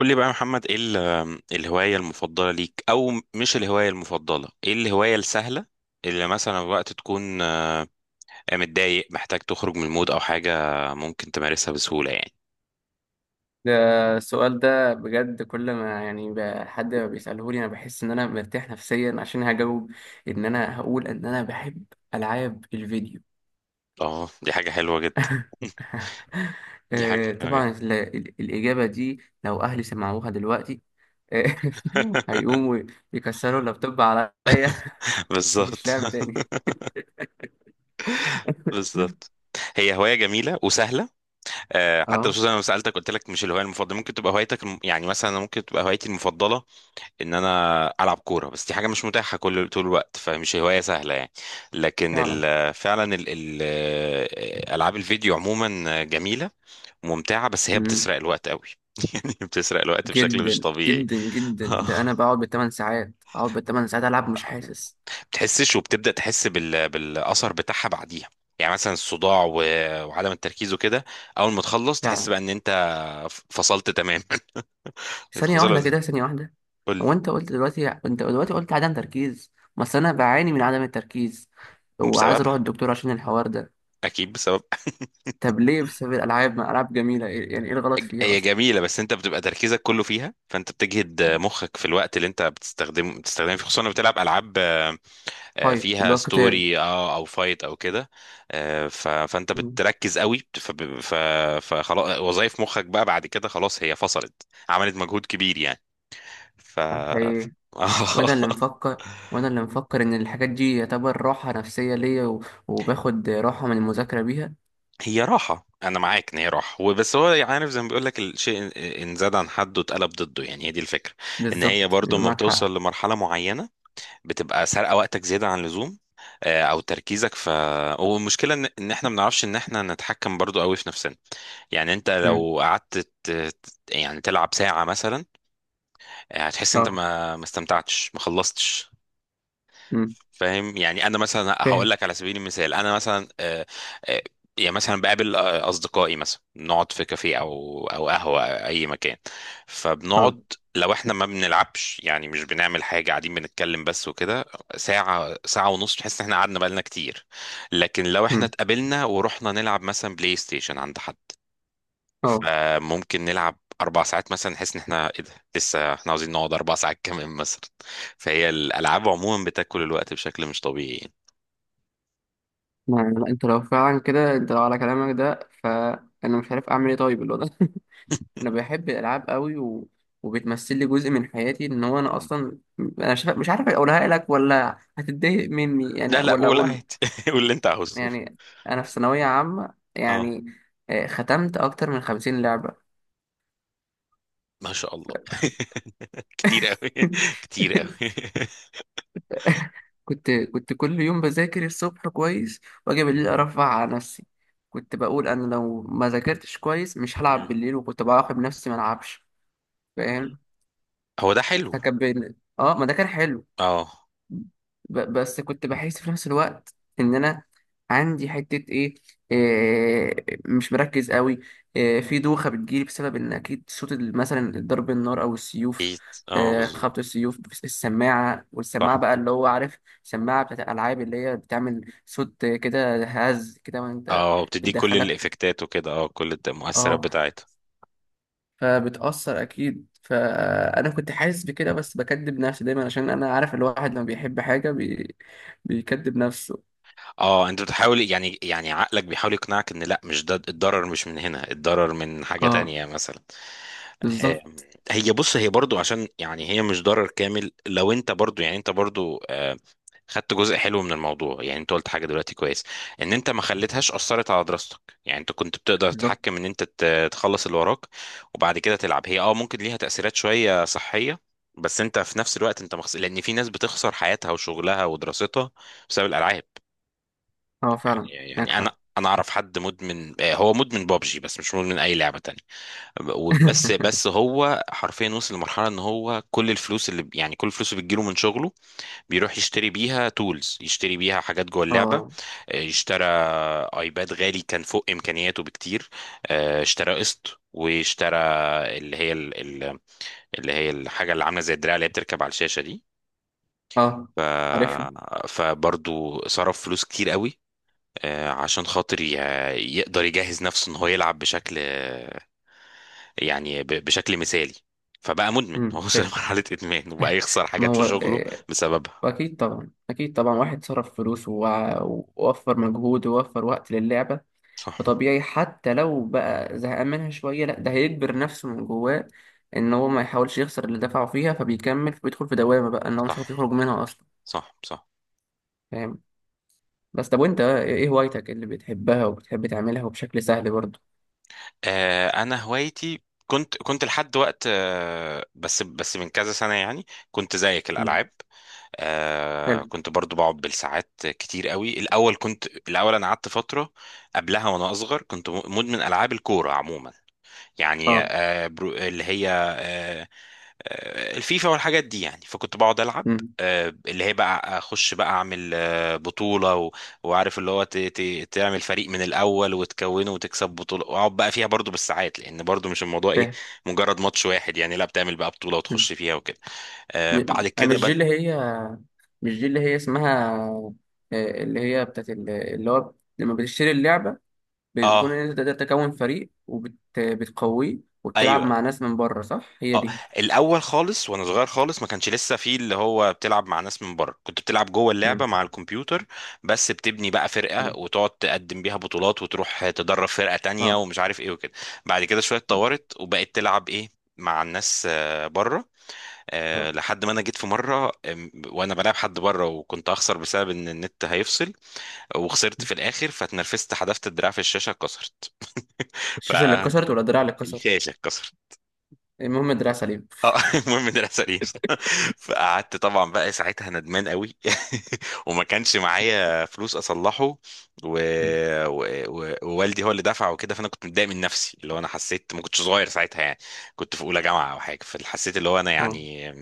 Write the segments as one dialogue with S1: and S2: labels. S1: قول لي بقى يا محمد، ايه الهواية المفضلة ليك، او مش الهواية المفضلة، ايه الهواية السهلة اللي مثلا وقت تكون متضايق محتاج تخرج من المود او حاجة، ممكن تمارسها بسهولة يعني؟
S2: ده السؤال ده بجد، كل ما يعني حد ما بيسألهولي أنا بحس إن أنا مرتاح نفسيا عشان هجاوب إن أنا هقول إن أنا بحب ألعاب الفيديو.
S1: اه، دي حاجة حلوة جدا. دي حاجة حلوة جدا.
S2: طبعا الإجابة دي لو أهلي سمعوها دلوقتي... آه، هيقوموا يكسروا اللابتوب عليا. مفيش
S1: بالظبط.
S2: لعب تاني.
S1: بالظبط. هي هواية جميلة وسهلة. حتى
S2: اه
S1: خصوصا انا لما سألتك قلت لك مش الهواية المفضلة، ممكن تبقى هوايتك يعني مثلا ممكن تبقى هوايتي المفضلة ان انا العب كوره، بس دي حاجه مش متاحه كل طول الوقت، فمش هوايه سهله يعني. لكن
S2: فعلا.
S1: فعلا ال ال العاب الفيديو عموما جميله ممتعه، بس هي
S2: مم.
S1: بتسرق الوقت قوي. يعني بتسرق الوقت بشكل مش
S2: جدا
S1: طبيعي.
S2: جدا جدا، ده أنا بقعد بالثمان ساعات، بقعد بالثمان ساعات ألعب مش حاسس.
S1: بتحسش، وبتبدأ تحس بالأثر بتاعها بعديها، يعني مثلا الصداع وعدم التركيز وكده. أول ما تخلص تحس
S2: فعلا،
S1: بقى إن أنت فصلت تماما.
S2: ثانية
S1: خصوصا لو.
S2: واحدة كده، ثانية واحدة.
S1: قول لي.
S2: هو انت دلوقتي قلت عدم تركيز، بس انا بعاني من عدم التركيز وعايز اروح
S1: بسببها.
S2: الدكتور عشان الحوار ده.
S1: أكيد بسبب.
S2: طب ليه؟ بسبب الالعاب؟ ما العاب جميلة، يعني ايه الغلط فيها
S1: هي
S2: اصلا؟
S1: جميلة، بس انت بتبقى تركيزك كله فيها، فانت بتجهد مخك في الوقت اللي انت بتستخدمه فيه، خصوصا لما بتلعب العاب
S2: فايت اللي
S1: فيها
S2: هو قتال.
S1: ستوري، او فايت او كده. فانت
S2: مم.
S1: بتركز قوي، فخلاص وظايف مخك بقى بعد كده خلاص هي فصلت، عملت مجهود كبير يعني. ف
S2: أنا
S1: ف-
S2: حقيقي، وانا اللي مفكر وانا اللي مفكر ان الحاجات دي يعتبر راحة نفسية ليا و... وباخد راحة من المذاكرة بيها.
S1: هي راحة، أنا معاك إن هي راحة، وبس هو عارف زي ما بيقول لك الشيء، إن زاد عن حده اتقلب ضده، يعني هي دي الفكرة. إن هي
S2: بالظبط،
S1: برضو
S2: يبقى
S1: لما
S2: معاك حق.
S1: بتوصل لمرحلة معينة بتبقى سارقه وقتك زياده عن اللزوم، او تركيزك. والمشكله إن احنا ما بنعرفش ان احنا نتحكم برضو قوي في نفسنا. يعني انت
S2: مم.
S1: لو قعدت يعني تلعب ساعه مثلا، هتحس انت
S2: اه.
S1: ما استمتعتش، ما خلصتش.
S2: مم.
S1: فاهم؟ يعني انا مثلا هقول
S2: فاهم.
S1: لك على سبيل المثال، انا مثلا آه، يعني مثلا بقابل اصدقائي، مثلا نقعد في كافيه او قهوه أو اي مكان،
S2: اه.
S1: فبنقعد. لو احنا ما بنلعبش، يعني مش بنعمل حاجه، قاعدين بنتكلم بس وكده، ساعه ساعه ونص تحس ان احنا قعدنا بقالنا كتير. لكن لو احنا
S2: مم.
S1: اتقابلنا ورحنا نلعب مثلا بلاي ستيشن عند حد،
S2: اه.
S1: فممكن نلعب اربع ساعات مثلا، نحس ان احنا ايه ده، لسه احنا عاوزين نقعد اربع ساعات كمان مثلا. فهي الالعاب عموما بتاكل الوقت بشكل مش طبيعي يعني.
S2: ما انت لو فعلا كده، انت لو على كلامك ده فانا مش عارف اعمل ايه طيب اللي هو ده. انا بحب الالعاب قوي و... وبتمثل لي جزء من حياتي ان هو انا
S1: مم.
S2: اصلا... انا شايف... مش عارف اقولها لك ولا هتتضايق مني يعني،
S1: لا لا،
S2: ولا
S1: قول
S2: اقول...
S1: عادي. قول اللي انت عاوزه.
S2: يعني انا في ثانويه عامه
S1: اه،
S2: يعني، ختمت اكتر من خمسين لعبه.
S1: ما شاء الله. كتير قوي. كتير قوي.
S2: كنت كل يوم بذاكر الصبح كويس واجي بالليل ارفع على نفسي، كنت بقول انا لو ما ذاكرتش كويس مش هلعب
S1: مم.
S2: بالليل، وكنت باخد نفسي ما العبش. فاهم،
S1: هو ده حلو.
S2: فكان بين اه، ما ده كان حلو.
S1: اه.
S2: بس كنت بحس في نفس الوقت ان انا عندي حتة ايه، إيه مش مركز قوي، إيه في دوخة بتجيلي بسبب ان اكيد صوت مثلا ضرب النار او السيوف،
S1: اكيد. اه،
S2: إيه
S1: بالظبط.
S2: خبط السيوف، السماعة،
S1: صح.
S2: والسماعة بقى اللي هو عارف، سماعة بتاعت الالعاب اللي هي بتعمل صوت كده هز كده وانت...
S1: اه، بتديك كل
S2: بتدخلك.
S1: الافكتات وكده، اه كل المؤثرات
S2: اه.
S1: بتاعتها.
S2: فبتأثر أكيد، فأنا كنت حاسس بكده بس بكدب نفسي دايما، عشان أنا عارف الواحد لما بيحب حاجة بيكدب نفسه.
S1: اه، انت بتحاول، يعني عقلك بيحاول يقنعك ان لا مش ده الضرر، مش من هنا الضرر، من حاجة
S2: اه
S1: تانية مثلا. آم،
S2: بالظبط.
S1: هي بص، هي برضو عشان يعني هي مش ضرر كامل لو انت برضو، يعني انت برضو خدت جزء حلو من الموضوع. يعني انت قلت حاجة دلوقتي كويس، ان انت ما خليتهاش اثرت على دراستك. يعني انت كنت بتقدر
S2: بالظبط.
S1: تتحكم ان انت تخلص اللي وراك وبعد كده تلعب. هي ممكن ليها تأثيرات شوية صحية، بس انت في نفس الوقت انت لان في ناس بتخسر حياتها وشغلها ودراستها بسبب الالعاب.
S2: اه فعلا.
S1: يعني
S2: معاك
S1: يعني انا
S2: حق.
S1: انا اعرف حد مدمن، هو مدمن بابجي بس مش مدمن اي لعبه تانية. بس هو حرفيا وصل لمرحله ان هو كل الفلوس اللي، بتجيله من شغله بيروح يشتري بيها تولز، يشتري بيها حاجات جوه اللعبه.
S2: اه.
S1: اشترى ايباد غالي كان فوق امكانياته بكتير. اشترى قسط، واشترى اللي هي ال- ال- اللي هي الحاجه اللي عامله زي الدراع، اللي هي بتركب على الشاشه دي.
S2: اه.
S1: ف...
S2: عارفها.
S1: فبرضو صرف فلوس كتير قوي، عشان خاطر يقدر يجهز نفسه ان هو يلعب بشكل، يعني بشكل مثالي. فبقى مدمن. هو
S2: امم،
S1: وصل
S2: فاهم.
S1: لمرحلة إدمان، وبقى يخسر
S2: ما
S1: حاجات في
S2: هو
S1: شغله بسببها.
S2: أكيد طبعا، أكيد طبعا، واحد صرف فلوس ووفر مجهود ووفر وقت للعبة،
S1: صح.
S2: فطبيعي حتى لو بقى زهقان منها شوية، لا ده هيجبر نفسه من جواه ان هو ما يحاولش يخسر اللي دفعه فيها، فبيكمل، فبيدخل في دوامة بقى ان هو مش عارف
S1: صح
S2: يخرج منها اصلا.
S1: صح صح.
S2: فاهم. بس طب، وانت بقى ايه هوايتك اللي بتحبها وبتحب تعملها وبشكل سهل برضه؟
S1: أنا هوايتي كنت لحد وقت بس من كذا سنة يعني، كنت زيك
S2: مم.
S1: الألعاب.
S2: حلو.
S1: كنت برضو بقعد بالساعات كتير قوي. الأول، كنت الأول أنا قعدت فترة قبلها وأنا أصغر، كنت مدمن ألعاب الكورة عموما، يعني
S2: اه.
S1: آه، برو- اللي هي آه، آه، الفيفا والحاجات دي يعني. فكنت بقعد العب
S2: امم
S1: اللي هي بقى، اخش بقى اعمل بطوله، وعارف اللي هو تعمل فريق من الاول وتكونه، وتكسب بطوله، واقعد بقى فيها برضو بالساعات، لان برضو مش الموضوع ايه
S2: فاهم.
S1: مجرد ماتش واحد يعني، لا بتعمل بقى بطوله
S2: مم.
S1: وتخش فيها وكده. بعد كده
S2: مش دي
S1: بس.
S2: اللي هي، مش دي اللي هي اسمها اللي هي بتاعت اللي هو لما بتشتري اللعبة بيكون
S1: اه.
S2: ان انت تقدر تكون فريق وبتقويه وبتلعب
S1: ايوه.
S2: مع ناس من بره، صح هي
S1: اه،
S2: دي؟
S1: الاول خالص وانا صغير خالص ما كانش لسه فيه اللي هو بتلعب مع ناس من بره. كنت بتلعب جوه اللعبه
S2: مم.
S1: مع الكمبيوتر بس، بتبني بقى
S2: مم.
S1: فرقه وتقعد تقدم بيها بطولات، وتروح تدرب فرقه تانية
S2: اه
S1: ومش عارف ايه وكده. بعد كده شويه
S2: اه
S1: اتطورت وبقيت تلعب ايه، مع الناس بره.
S2: اه
S1: لحد ما انا جيت في مره وانا بلعب حد بره، وكنت هخسر بسبب ان النت هيفصل، وخسرت في الاخر، فاتنرفزت، حذفت الدراع في الشاشه، اتكسرت.
S2: الشاشة اللي
S1: فالشاشه
S2: اتكسرت ولا الدراع اللي اتكسر؟
S1: اتكسرت.
S2: المهم الدراع سليم.
S1: اه. المهم ان العسلين. فقعدت طبعا بقى ساعتها ندمان قوي. وما كانش معايا فلوس اصلحه، و...
S2: مم.
S1: و... ووالدي هو اللي دفع وكده، فانا كنت متضايق من نفسي، اللي هو انا حسيت ما كنتش صغير ساعتها يعني، كنت في اولى جامعه او حاجه، فحسيت اللي هو انا
S2: اه.
S1: يعني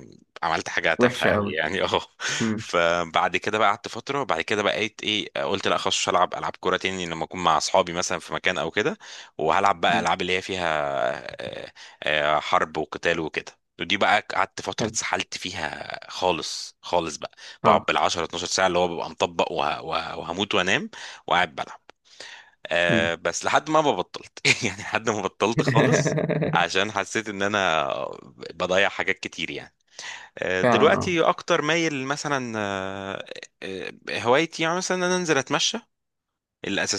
S1: عملت حاجه تافهه
S2: وحشة
S1: قوي
S2: قوي.
S1: يعني. اه.
S2: مم.
S1: فبعد كده بقى قعدت فتره، وبعد كده بقيت ايه، قلت لا خلاص مش هلعب العاب كوره تاني، لما اكون مع اصحابي مثلا في مكان او كده، وهلعب بقى
S2: مم.
S1: العاب اللي هي فيها آه، حرب وقتال وكده. ودي بقى قعدت فترة
S2: حلو.
S1: اتسحلت فيها خالص خالص بقى، بقعد
S2: اه.
S1: بالعشرة 12 ساعة، اللي هو ببقى مطبق، وهموت وانام وقاعد بلعب.
S2: مم.
S1: بس لحد ما بطلت. يعني لحد ما بطلت خالص، عشان حسيت ان انا بضيع حاجات كتير يعني. أه،
S2: فعلا. اه.
S1: دلوقتي اكتر مايل مثلا. أه آه، هوايتي يعني مثلا ان انا انزل اتمشى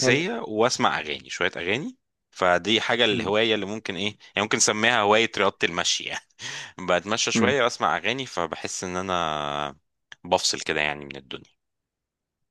S2: حلو.
S1: وأسمع أغاني، شوية أغاني. فدي حاجة،
S2: مم.
S1: الهواية اللي ممكن إيه، يعني ممكن نسميها هواية رياضة المشي يعني. بتمشى
S2: مم.
S1: شوية وأسمع أغاني، فبحس إن أنا بفصل كده يعني من الدنيا.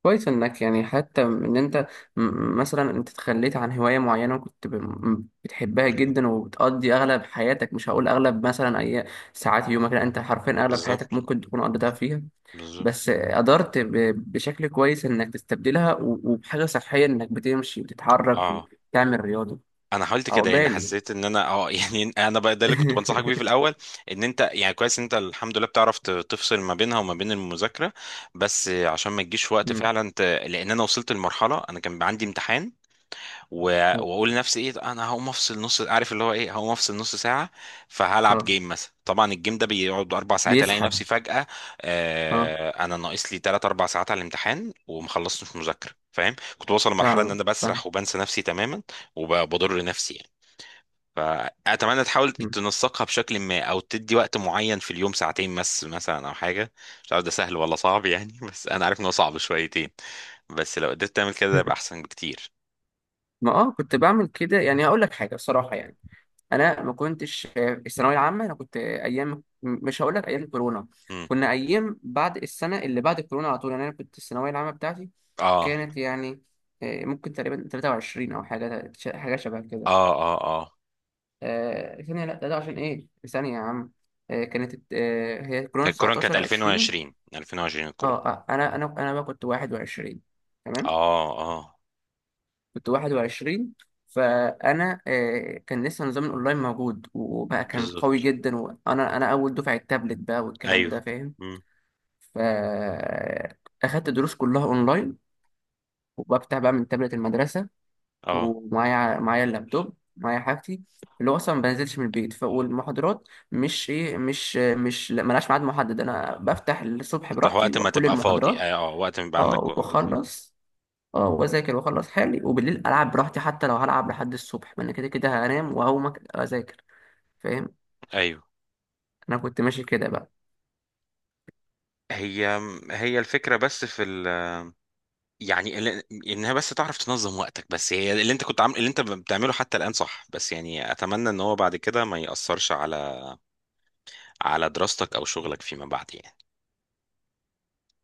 S2: كويس انك، يعني حتى ان انت مثلا انت تخليت عن هواية معينة وكنت بتحبها جدا وبتقضي اغلب حياتك، مش هقول اغلب مثلا اي ساعات يومك، لا انت حرفيا اغلب
S1: بالظبط.
S2: حياتك ممكن تكون قضيتها فيها.
S1: بالظبط.
S2: بس قدرت بشكل كويس انك تستبدلها و- وبحاجه صحيه انك بتمشي، بتتحرك،
S1: اه،
S2: تعمل رياضه.
S1: انا حاولت كده، لان
S2: عقبالي.
S1: حسيت ان انا يعني انا بقى ده اللي كنت بنصحك بيه في الاول، ان انت يعني كويس ان انت الحمد لله بتعرف تفصل ما بينها وما بين المذاكره. بس عشان ما تجيش وقت
S2: مم.
S1: فعلا لان انا وصلت لمرحله انا كان عندي امتحان،
S2: اه.
S1: واقول لنفسي ايه، انا هقوم افصل نص، عارف اللي هو ايه، هقوم افصل نص ساعه، فهلعب
S2: اه.
S1: جيم مثلا. طبعا الجيم ده بيقعد اربع ساعات، الاقي
S2: بيسحب.
S1: نفسي فجاه،
S2: اه
S1: انا ناقص لي ثلاث اربع ساعات على الامتحان، ومخلصتش مذاكره. فاهم؟ كنت بوصل لمرحله ان
S2: فعلا.
S1: انا
S2: فاهم.
S1: بسرح وبنسى نفسي تماما، وبضر نفسي يعني. فاتمنى تحاول
S2: مم.
S1: تنسقها بشكل ما، او تدي وقت معين في اليوم، ساعتين بس مثلا، او حاجه. مش عارف ده سهل ولا صعب يعني. بس انا عارف ان هو صعب شويتين، بس لو قدرت تعمل كده ده يبقى احسن بكتير.
S2: ما اه كنت بعمل كده، يعني هقول لك حاجه بصراحه يعني، انا ما كنتش الثانويه العامه انا كنت ايام، مش هقول لك ايام كورونا،
S1: مم.
S2: كنا ايام بعد السنه اللي بعد كورونا على طول يعني، انا كنت الثانويه العامه بتاعتي
S1: اه
S2: كانت يعني ممكن تقريبا 23 او حاجه، حاجه شبه
S1: اه
S2: كده.
S1: اه اه،
S2: آه ثانية، لا ده, ده عشان ايه، ثانية يا عم. آه كانت آه هي كورونا
S1: الكورونا كانت
S2: 19 20.
S1: 2020. 2020 الكورونا.
S2: اه انا بقى كنت 21. تمام.
S1: اه اه،
S2: كنت 21. فانا آه كان لسه نظام الاونلاين موجود وبقى كان قوي
S1: بالظبط.
S2: جدا، وانا اول دفعة التابلت بقى والكلام
S1: ايوه.
S2: ده، فاهم؟
S1: مم.
S2: فاخدت دروس كلها اونلاين، وبفتح بقى من تابلت المدرسة،
S1: اه،
S2: ومعايا اللابتوب، معايا حاجتي، اللي هو اصلا ما بنزلش من البيت. والمحاضرات مش ايه، مش مش لا، ملهاش ميعاد محدد، انا بفتح الصبح
S1: انت
S2: براحتي
S1: وقت ما
S2: واكل
S1: تبقى فاضي،
S2: المحاضرات.
S1: اه، وقت ما يبقى عندك
S2: اه
S1: بالظبط.
S2: واخلص. اه واذاكر واخلص حالي، وبالليل العب براحتي حتى لو هلعب لحد الصبح، ما انا كده كده هنام وهقوم اذاكر، فاهم؟
S1: ايوه.
S2: انا كنت ماشي كده بقى.
S1: هي هي الفكره، بس في يعني انها بس تعرف تنظم وقتك. بس هي اللي انت كنت عامل اللي انت بتعمله حتى الان، صح؟ بس يعني اتمنى ان هو بعد كده ما ياثرش على دراستك او شغلك فيما بعد يعني.